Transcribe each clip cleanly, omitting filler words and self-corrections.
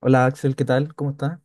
Hola Axel, ¿qué tal? ¿Cómo estás?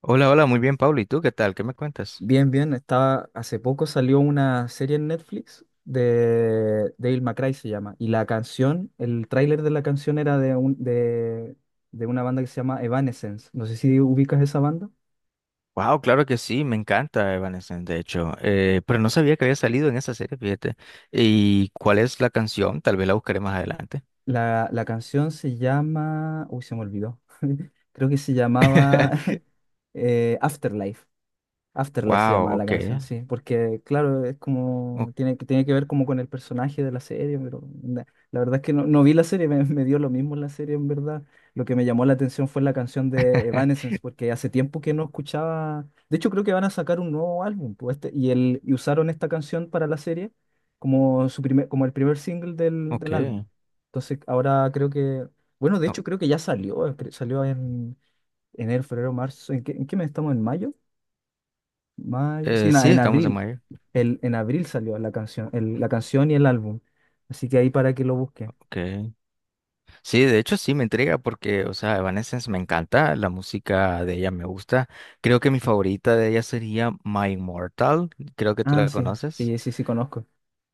Hola, hola, muy bien, Pablo. ¿Y tú qué tal? ¿Qué me cuentas? Bien, bien. Hace poco salió una serie en Netflix de Dale McRae se llama. Y la canción, el tráiler de la canción era de una banda que se llama Evanescence. No sé si ubicas esa banda. Wow, claro que sí, me encanta Evanescence, de hecho. Pero no sabía que había salido en esa serie, fíjate. ¿Y cuál es la canción? Tal vez la buscaré más adelante. La canción se llama... Uy, se me olvidó. Creo que se llamaba Afterlife. Afterlife se Wow, llamaba la ok. canción, sí, porque claro, es o- como, tiene que ver como con el personaje de la serie, la verdad es que no vi la serie. Me dio lo mismo la serie en verdad. Lo que me llamó la atención fue la canción de Evanescence, porque hace tiempo que no escuchaba. De hecho, creo que van a sacar un nuevo álbum, pues, y usaron esta canción para la serie como, como el primer single del, Ok. del álbum. Entonces ahora bueno, de o- hecho creo que ya salió, salió en enero, febrero, marzo. En qué mes estamos? ¿En mayo? Mayo, sí, en, sí, en estamos en abril. mayo. En abril salió la canción, la canción y el álbum. Así que ahí para que lo busquen. Ok. Sí, de hecho sí me intriga porque, o sea, Evanescence me encanta, la música de ella me gusta. Creo que mi favorita de ella sería My Immortal. Creo que tú Ah, la sí, conoces. sí, sí, sí, conozco.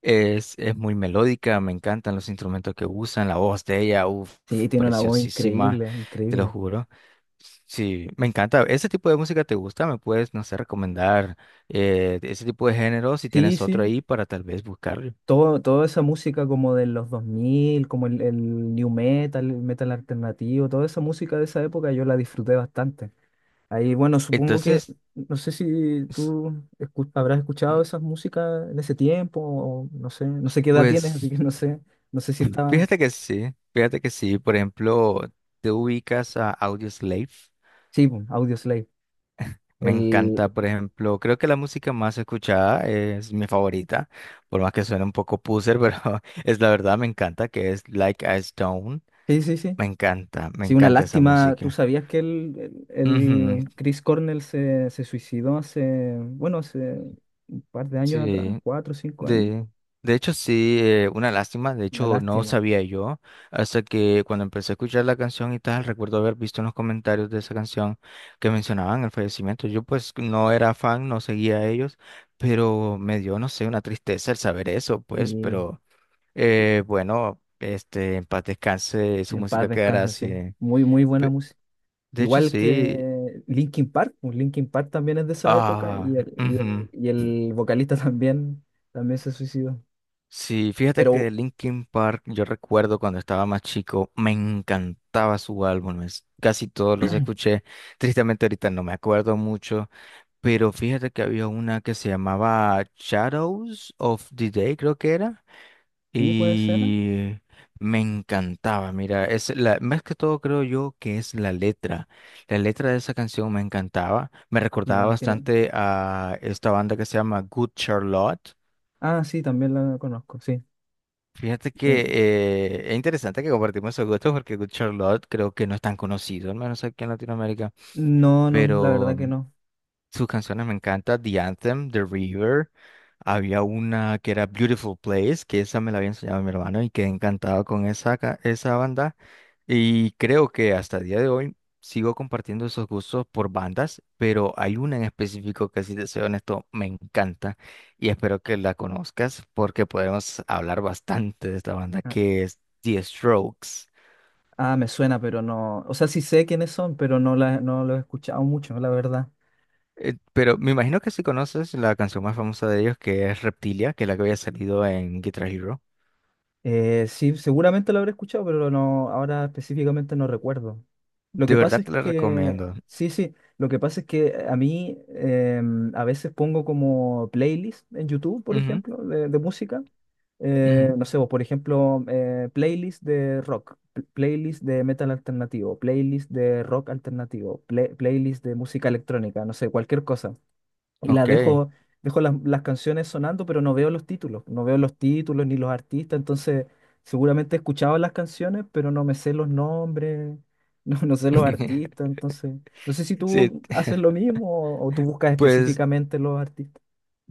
Es muy melódica, me encantan los instrumentos que usan, la voz de ella, uff, Sí, tiene una voz preciosísima, increíble, te lo increíble. juro. Sí, me encanta. ¿Ese tipo de música te gusta? ¿Me puedes, no sé, recomendar ese tipo de género si Sí, tienes otro sí. ahí para tal vez buscarlo? Toda esa música como de los 2000, como el new metal, el metal alternativo, toda esa música de esa época yo la disfruté bastante. Ahí, bueno, supongo que Entonces, no sé si s- tú habrás escuchado mm, esas músicas en ese tiempo. O no sé, qué edad tienes, así pues, que no sé, no sé si estaba. fíjate que sí. Por ejemplo, ¿te ubicas a Audioslave? Sí, po, Audioslave. Me encanta, El... por ejemplo, creo que la música más escuchada es mi favorita, por más que suene un poco poser, pero es la verdad, me encanta, que es Like a Stone. Sí, sí, sí. Me encanta, me Sí, una encanta esa lástima. ¿Tú música. sabías que el, el, Ujú, el Chris Cornell se suicidó bueno, hace un par de años atrás, sí. 4 o 5 años? De, de hecho, sí, una lástima. De Una hecho, no lástima. sabía yo hasta que cuando empecé a escuchar la canción y tal, recuerdo haber visto en los comentarios de esa canción que mencionaban el fallecimiento. Yo pues no era fan, no seguía a ellos, pero me dio, no sé, una tristeza el saber eso, Sí, pues, pero bueno, este, en paz descanse, su en paz música quedará descansa, sí. así. Muy, muy buena Pe- música. De hecho, Igual sí. que Linkin Park, pues Linkin Park también es de esa época, Ah, y el, y ujú. el, y el vocalista también se suicidó. Sí, fíjate que de Pero Linkin Park, yo recuerdo cuando estaba más chico, me encantaba su álbum, casi todos los escuché. Tristemente ahorita no me acuerdo mucho, pero fíjate que había una que se llamaba Shadows of the Day, creo que era, sí, puede ser. ¿Eh? y me encantaba. Mira, es la, más que todo creo yo que es la letra. La letra de esa canción me encantaba, me recordaba Sí, bastante a esta banda que se llama Good Charlotte. Ah, sí, también la conozco, sí. Fíjate Sí. que es interesante que compartimos esos gustos porque Good Charlotte creo que no es tan conocido, al menos aquí en Latinoamérica, No, no, la pero verdad que no. sus canciones me encantan, The Anthem, The River, había una que era Beautiful Place, que esa me la había enseñado mi hermano y quedé encantado con esa banda. Y creo que hasta el día de hoy sigo compartiendo esos gustos por bandas, pero hay una en específico que, si te soy honesto, me encanta y espero que la conozcas porque podemos hablar bastante de esta banda Ah, que es The Strokes. ah, me suena, pero no. O sea, sí sé quiénes son, pero no, no los he escuchado mucho, la verdad. Pero me imagino que si conoces la canción más famosa de ellos que es Reptilia, que es la que había salido en Guitar Hero. Sí, seguramente lo habré escuchado, pero no, ahora específicamente no recuerdo. Lo De que pasa verdad es te la que, recomiendo. sí, sí, lo que pasa es que a mí, a veces pongo como playlist en YouTube, por Ujú, ejemplo, de música. Eh, ujú. no sé, o por ejemplo, playlist de rock, playlist de metal alternativo, playlist de rock alternativo, playlist de música electrónica, no sé, cualquier cosa, y las Ok. dejo, dejo las canciones sonando, pero no veo los títulos, no veo los títulos ni los artistas. Entonces seguramente he escuchado las canciones, pero no me sé los nombres. No, no sé los artistas, entonces no sé si Sí, tú haces lo mismo, o tú buscas pues. específicamente los artistas.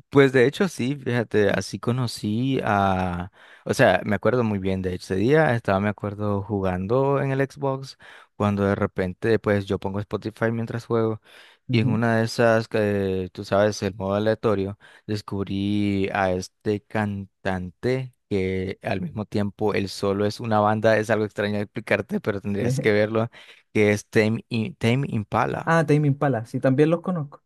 Pues de hecho sí, fíjate, así conocí a, o sea, me acuerdo muy bien de ese día, estaba, me acuerdo, jugando en el Xbox, cuando de repente, pues yo pongo Spotify mientras juego, y en Ujú. una de esas, que tú sabes, el modo aleatorio, descubrí a este cantante que al mismo tiempo él solo es una banda, es algo extraño de explicarte, pero tendrías Sí. que verlo, que es Tame Impala. Ah, Tame Impala, sí, también los conozco.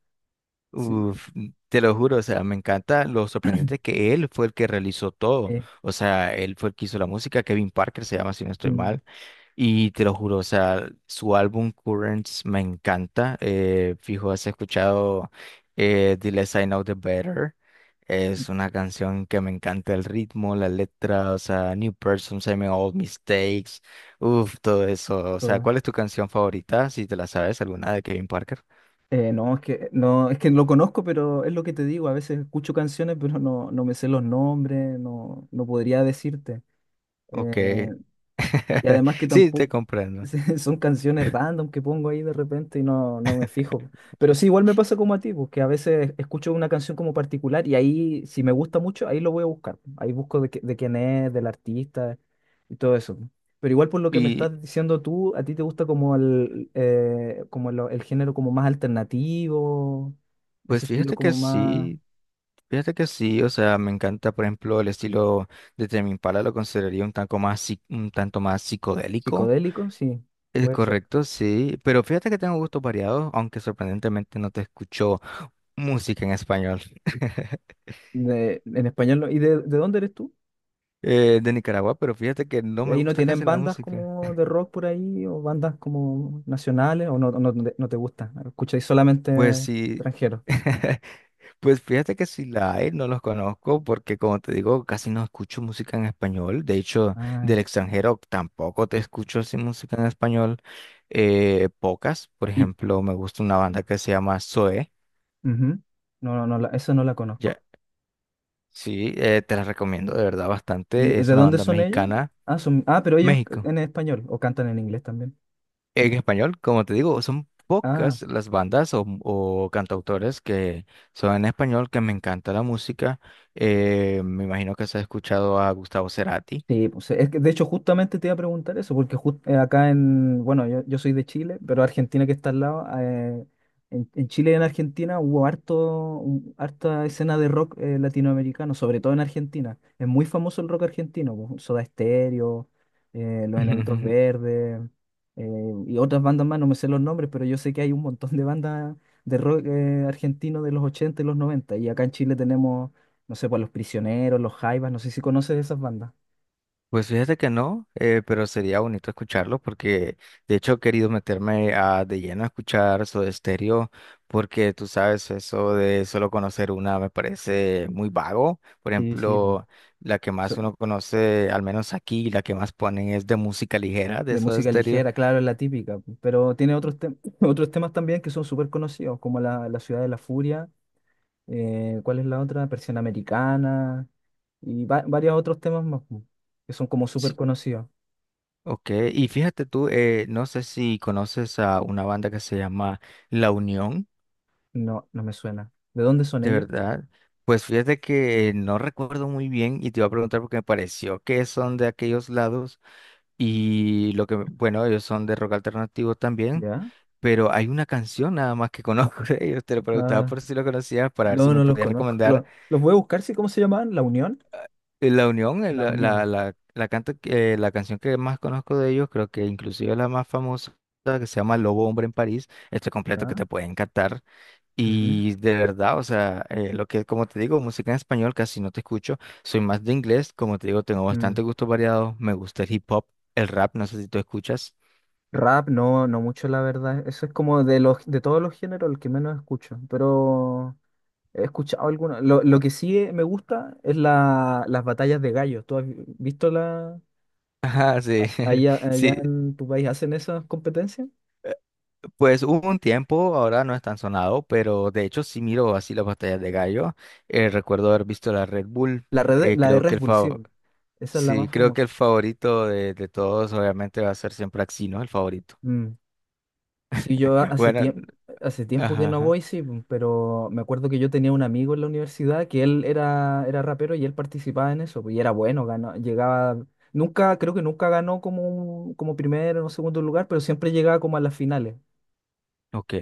Sí. Uf, te lo juro, o sea, me encanta lo sorprendente que él fue el que realizó todo. eh, O sea, él fue el que hizo la música, Kevin Parker se llama, si no estoy mm, mal. Y te lo juro, o sea, su álbum Currents me encanta. Fijo, has escuchado The Less I Know The Better. Es una canción que me encanta el ritmo, la letra, o sea, New Person, Same Old Mistakes. Uf, todo eso. O sea, todo. ¿cuál es tu canción favorita? Si te la sabes, alguna de Kevin Parker. No es que no lo conozco, pero es lo que te digo, a veces escucho canciones, pero no, no me sé los nombres, no, no podría decirte. Eh, Ok. y además que Sí, te tampoco comprendo. son canciones random que pongo ahí de repente, y no, no me fijo. Pero sí, igual me pasa como a ti, porque a veces escucho una canción como particular y ahí, si me gusta mucho, ahí lo voy a buscar. Ahí busco de quién es, del artista y todo eso. Pero igual, por lo que me Y estás diciendo tú, a ti te gusta como el, como lo- el género como más alternativo, ese pues estilo como más fíjate que sí, o sea, me encanta, por ejemplo, el estilo de Tame Impala, lo consideraría un tanto un tanto más psicodélico. psicodélico, sí, Es puede ser. correcto, sí, pero fíjate que tengo gustos variados, aunque sorprendentemente no te escucho música en español. En español, ¿y de dónde eres tú? De Nicaragua, pero fíjate que no ¿Y me ahí no gusta tienen casi la bandas música. como de rock por ahí, o bandas como nacionales, o no, no, no te gusta? ¿Escucháis solamente Pues sí. extranjeros? Pues fíjate que si la hay, no los conozco porque como te digo, casi no escucho música en español. De hecho, Ay, del extranjero tampoco te escucho así música en español. Pocas, por y... ejemplo, me gusta una banda que se llama Zoe. ujú. No, no, no, eso no la Ya, conozco. sí, te la recomiendo de verdad ¿Y bastante. de Es de una dónde banda son ellos? mexicana. Ah, pero ellos México. en español, o cantan en inglés también. En español, como te digo, son Ah. pocas las bandas o cantautores que son en español, que me encanta la música. Me imagino que has escuchado a Gustavo Cerati. Sí, pues es que de hecho justamente te iba a preguntar eso, porque acá en, bueno, yo soy de Chile, pero Argentina que está al lado, en Chile y en Argentina hubo harta escena de rock latinoamericano, sobre todo en Argentina. Es muy famoso el rock argentino, pues, Soda Stereo, Los Enanitos Verdes, y otras bandas más, no me sé los nombres, pero yo sé que hay un montón de bandas de rock argentino de los 80 y los 90, y acá en Chile tenemos, no sé, pues Los Prisioneros, Los Jaivas, no sé si conoces esas bandas. Pues fíjate que no, pero sería bonito escucharlo porque de hecho he querido meterme a, de lleno a escuchar Soda Stereo porque tú sabes, eso de solo conocer una me parece muy vago. Por Sí, sí, pu. ejemplo, la que más So- uno conoce, al menos aquí, la que más ponen es de música ligera de de Soda música Stereo. ligera, claro, es la típica, pu, pero tiene otros temas también que son súper conocidos, como la Ciudad de la Furia, ¿cuál es la otra? Persiana Americana, y varios otros temas más, pu, que son como súper Sí. conocidos. Ok, y fíjate tú, no sé si conoces a una banda que se llama La Unión. No, no me suena. ¿De dónde son De ellos? verdad, pues fíjate que no recuerdo muy bien y te iba a preguntar porque me pareció que son de aquellos lados y lo que, bueno, ellos son de rock alternativo también, ¿Ya? pero hay una canción nada más que conozco de ellos, te lo preguntaba por Ah, si lo conocías para ver si no, me no los podías conozco. recomendar Los voy a buscar, ¿sí? ¿Cómo se llamaban? ¿La Unión? La Unión, La Unión, la canción que más conozco de ellos, creo que inclusive la más famosa que se llama Lobo Hombre en París, este completo que ¿ya? te puede encantar. Ujú. Y de verdad, o sea, lo que, como te digo, música en español casi no te escucho. Soy más de inglés, como te digo, tengo Mm. bastante gusto variado. Me gusta el hip hop, el rap, no sé si tú escuchas. Rap, no, no mucho, la verdad. Eso es como de todos los géneros el que menos escucho, pero... He escuchado alguna. Lo que sí me gusta es las batallas de gallos. ¿Tú has visto la Ajá, sí, allá, allá sí. en tu país hacen esas competencias? Pues hubo un tiempo, ahora no es tan sonado, pero de hecho sí miro así las batallas de gallo. Recuerdo haber visto la Red Bull. La de Creo que Red el Bull, sí, fav- po. Esa es la Sí, más creo que famosa. el favorito de todos, obviamente, va a ser siempre Axino, el favorito. Mm. Sí, hace Bueno, tiempo, hace tiempo que no ajá. voy, sí, po, pero me acuerdo que yo tenía un amigo en la universidad que él era rapero, y él participaba en eso, po, y era bueno, ganó, llegaba, nunca, creo que nunca ganó como, como primero o segundo lugar, pero siempre llegaba como a las finales. Ok,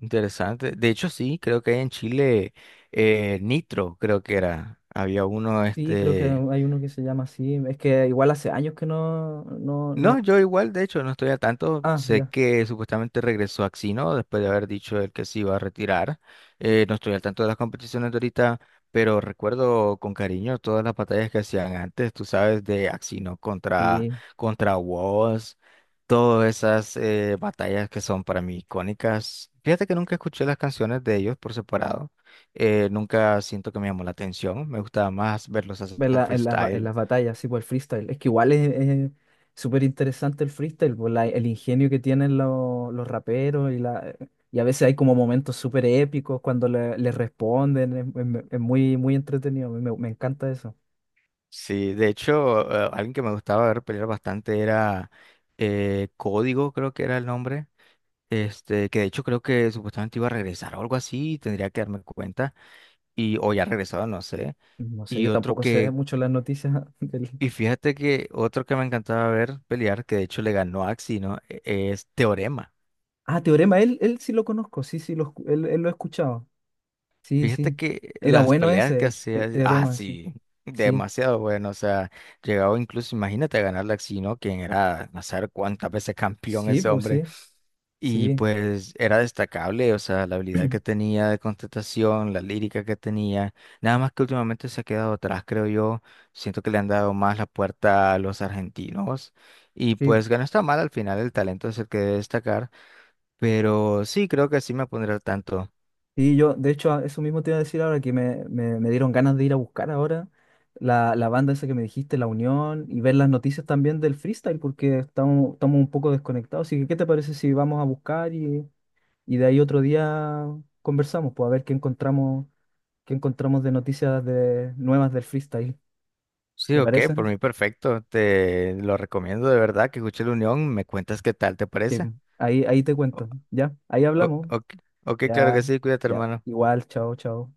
interesante. De hecho, sí, creo que hay en Chile Nitro, creo que era. Había uno, Sí, creo que este. hay uno que se llama así. Es que igual hace años que no, no, no. No, yo igual, de hecho, no estoy al tanto. Ah, Sé ya. que supuestamente regresó Axino después de haber dicho él que se iba a retirar. No estoy al tanto de las competiciones de ahorita, pero recuerdo con cariño todas las batallas que hacían antes, tú sabes, de Axino contra, Sí. contra Woz, todas esas batallas que son para mí icónicas. Fíjate que nunca escuché las canciones de ellos por separado. Nunca siento que me llamó la atención. Me gustaba más verlos hacer En la- en las ba- en freestyle. las batallas, sí, por el freestyle. Es que igual es súper interesante el freestyle, por el ingenio que tienen los raperos, y la y a veces hay como momentos súper épicos cuando le responden. Es muy, muy entretenido. Me encanta eso. Sí, de hecho, alguien que me gustaba ver pelear bastante era Código, creo que era el nombre. Este, que de hecho creo que supuestamente iba a regresar o algo así, tendría que darme cuenta. Y, o ya regresado, no sé. No sé, Y yo otro tampoco sé que, mucho las noticias del. y fíjate que otro que me encantaba ver pelear, que de hecho le ganó a Axie, ¿no? Es Teorema. Ah, Teorema, él sí lo conozco, sí, sí, él lo he escuchado. Sí, Fíjate sí. que Era las bueno peleas ese, que el, hacía, el ah, teorema, sí. sí, Sí, demasiado bueno. O sea, llegaba incluso, imagínate a ganarle a Axie, ¿no? Quien era, no saber cuántas veces campeón sí, ese pues hombre. sí, Y sí, pues era destacable, o sea, la habilidad que tenía de contestación, la lírica que tenía, nada más que últimamente se ha quedado atrás, creo yo. Siento que le han dado más la puerta a los argentinos. Y sí. pues ganó está mal al final, el talento es el que debe destacar, pero sí, creo que sí me pondré al tanto. Sí, yo, de hecho, eso mismo te iba a decir, ahora que me dieron ganas de ir a buscar ahora la banda esa que me dijiste, La Unión, y ver las noticias también del freestyle, porque estamos un poco desconectados. Así que, ¿qué te parece si vamos a buscar, y de ahí otro día conversamos, pues, a ver qué encontramos, de noticias nuevas del freestyle? Sí, ¿Te ok, parece? por mí perfecto, te lo recomiendo de verdad que escuche La Unión, me cuentas qué tal, ¿te Sí, parece? ahí te O- cuento, ¿ya? Ahí hablamos. ok, ok, claro que Ya, sí, cuídate, ya. hermano. Igual, chao, chao.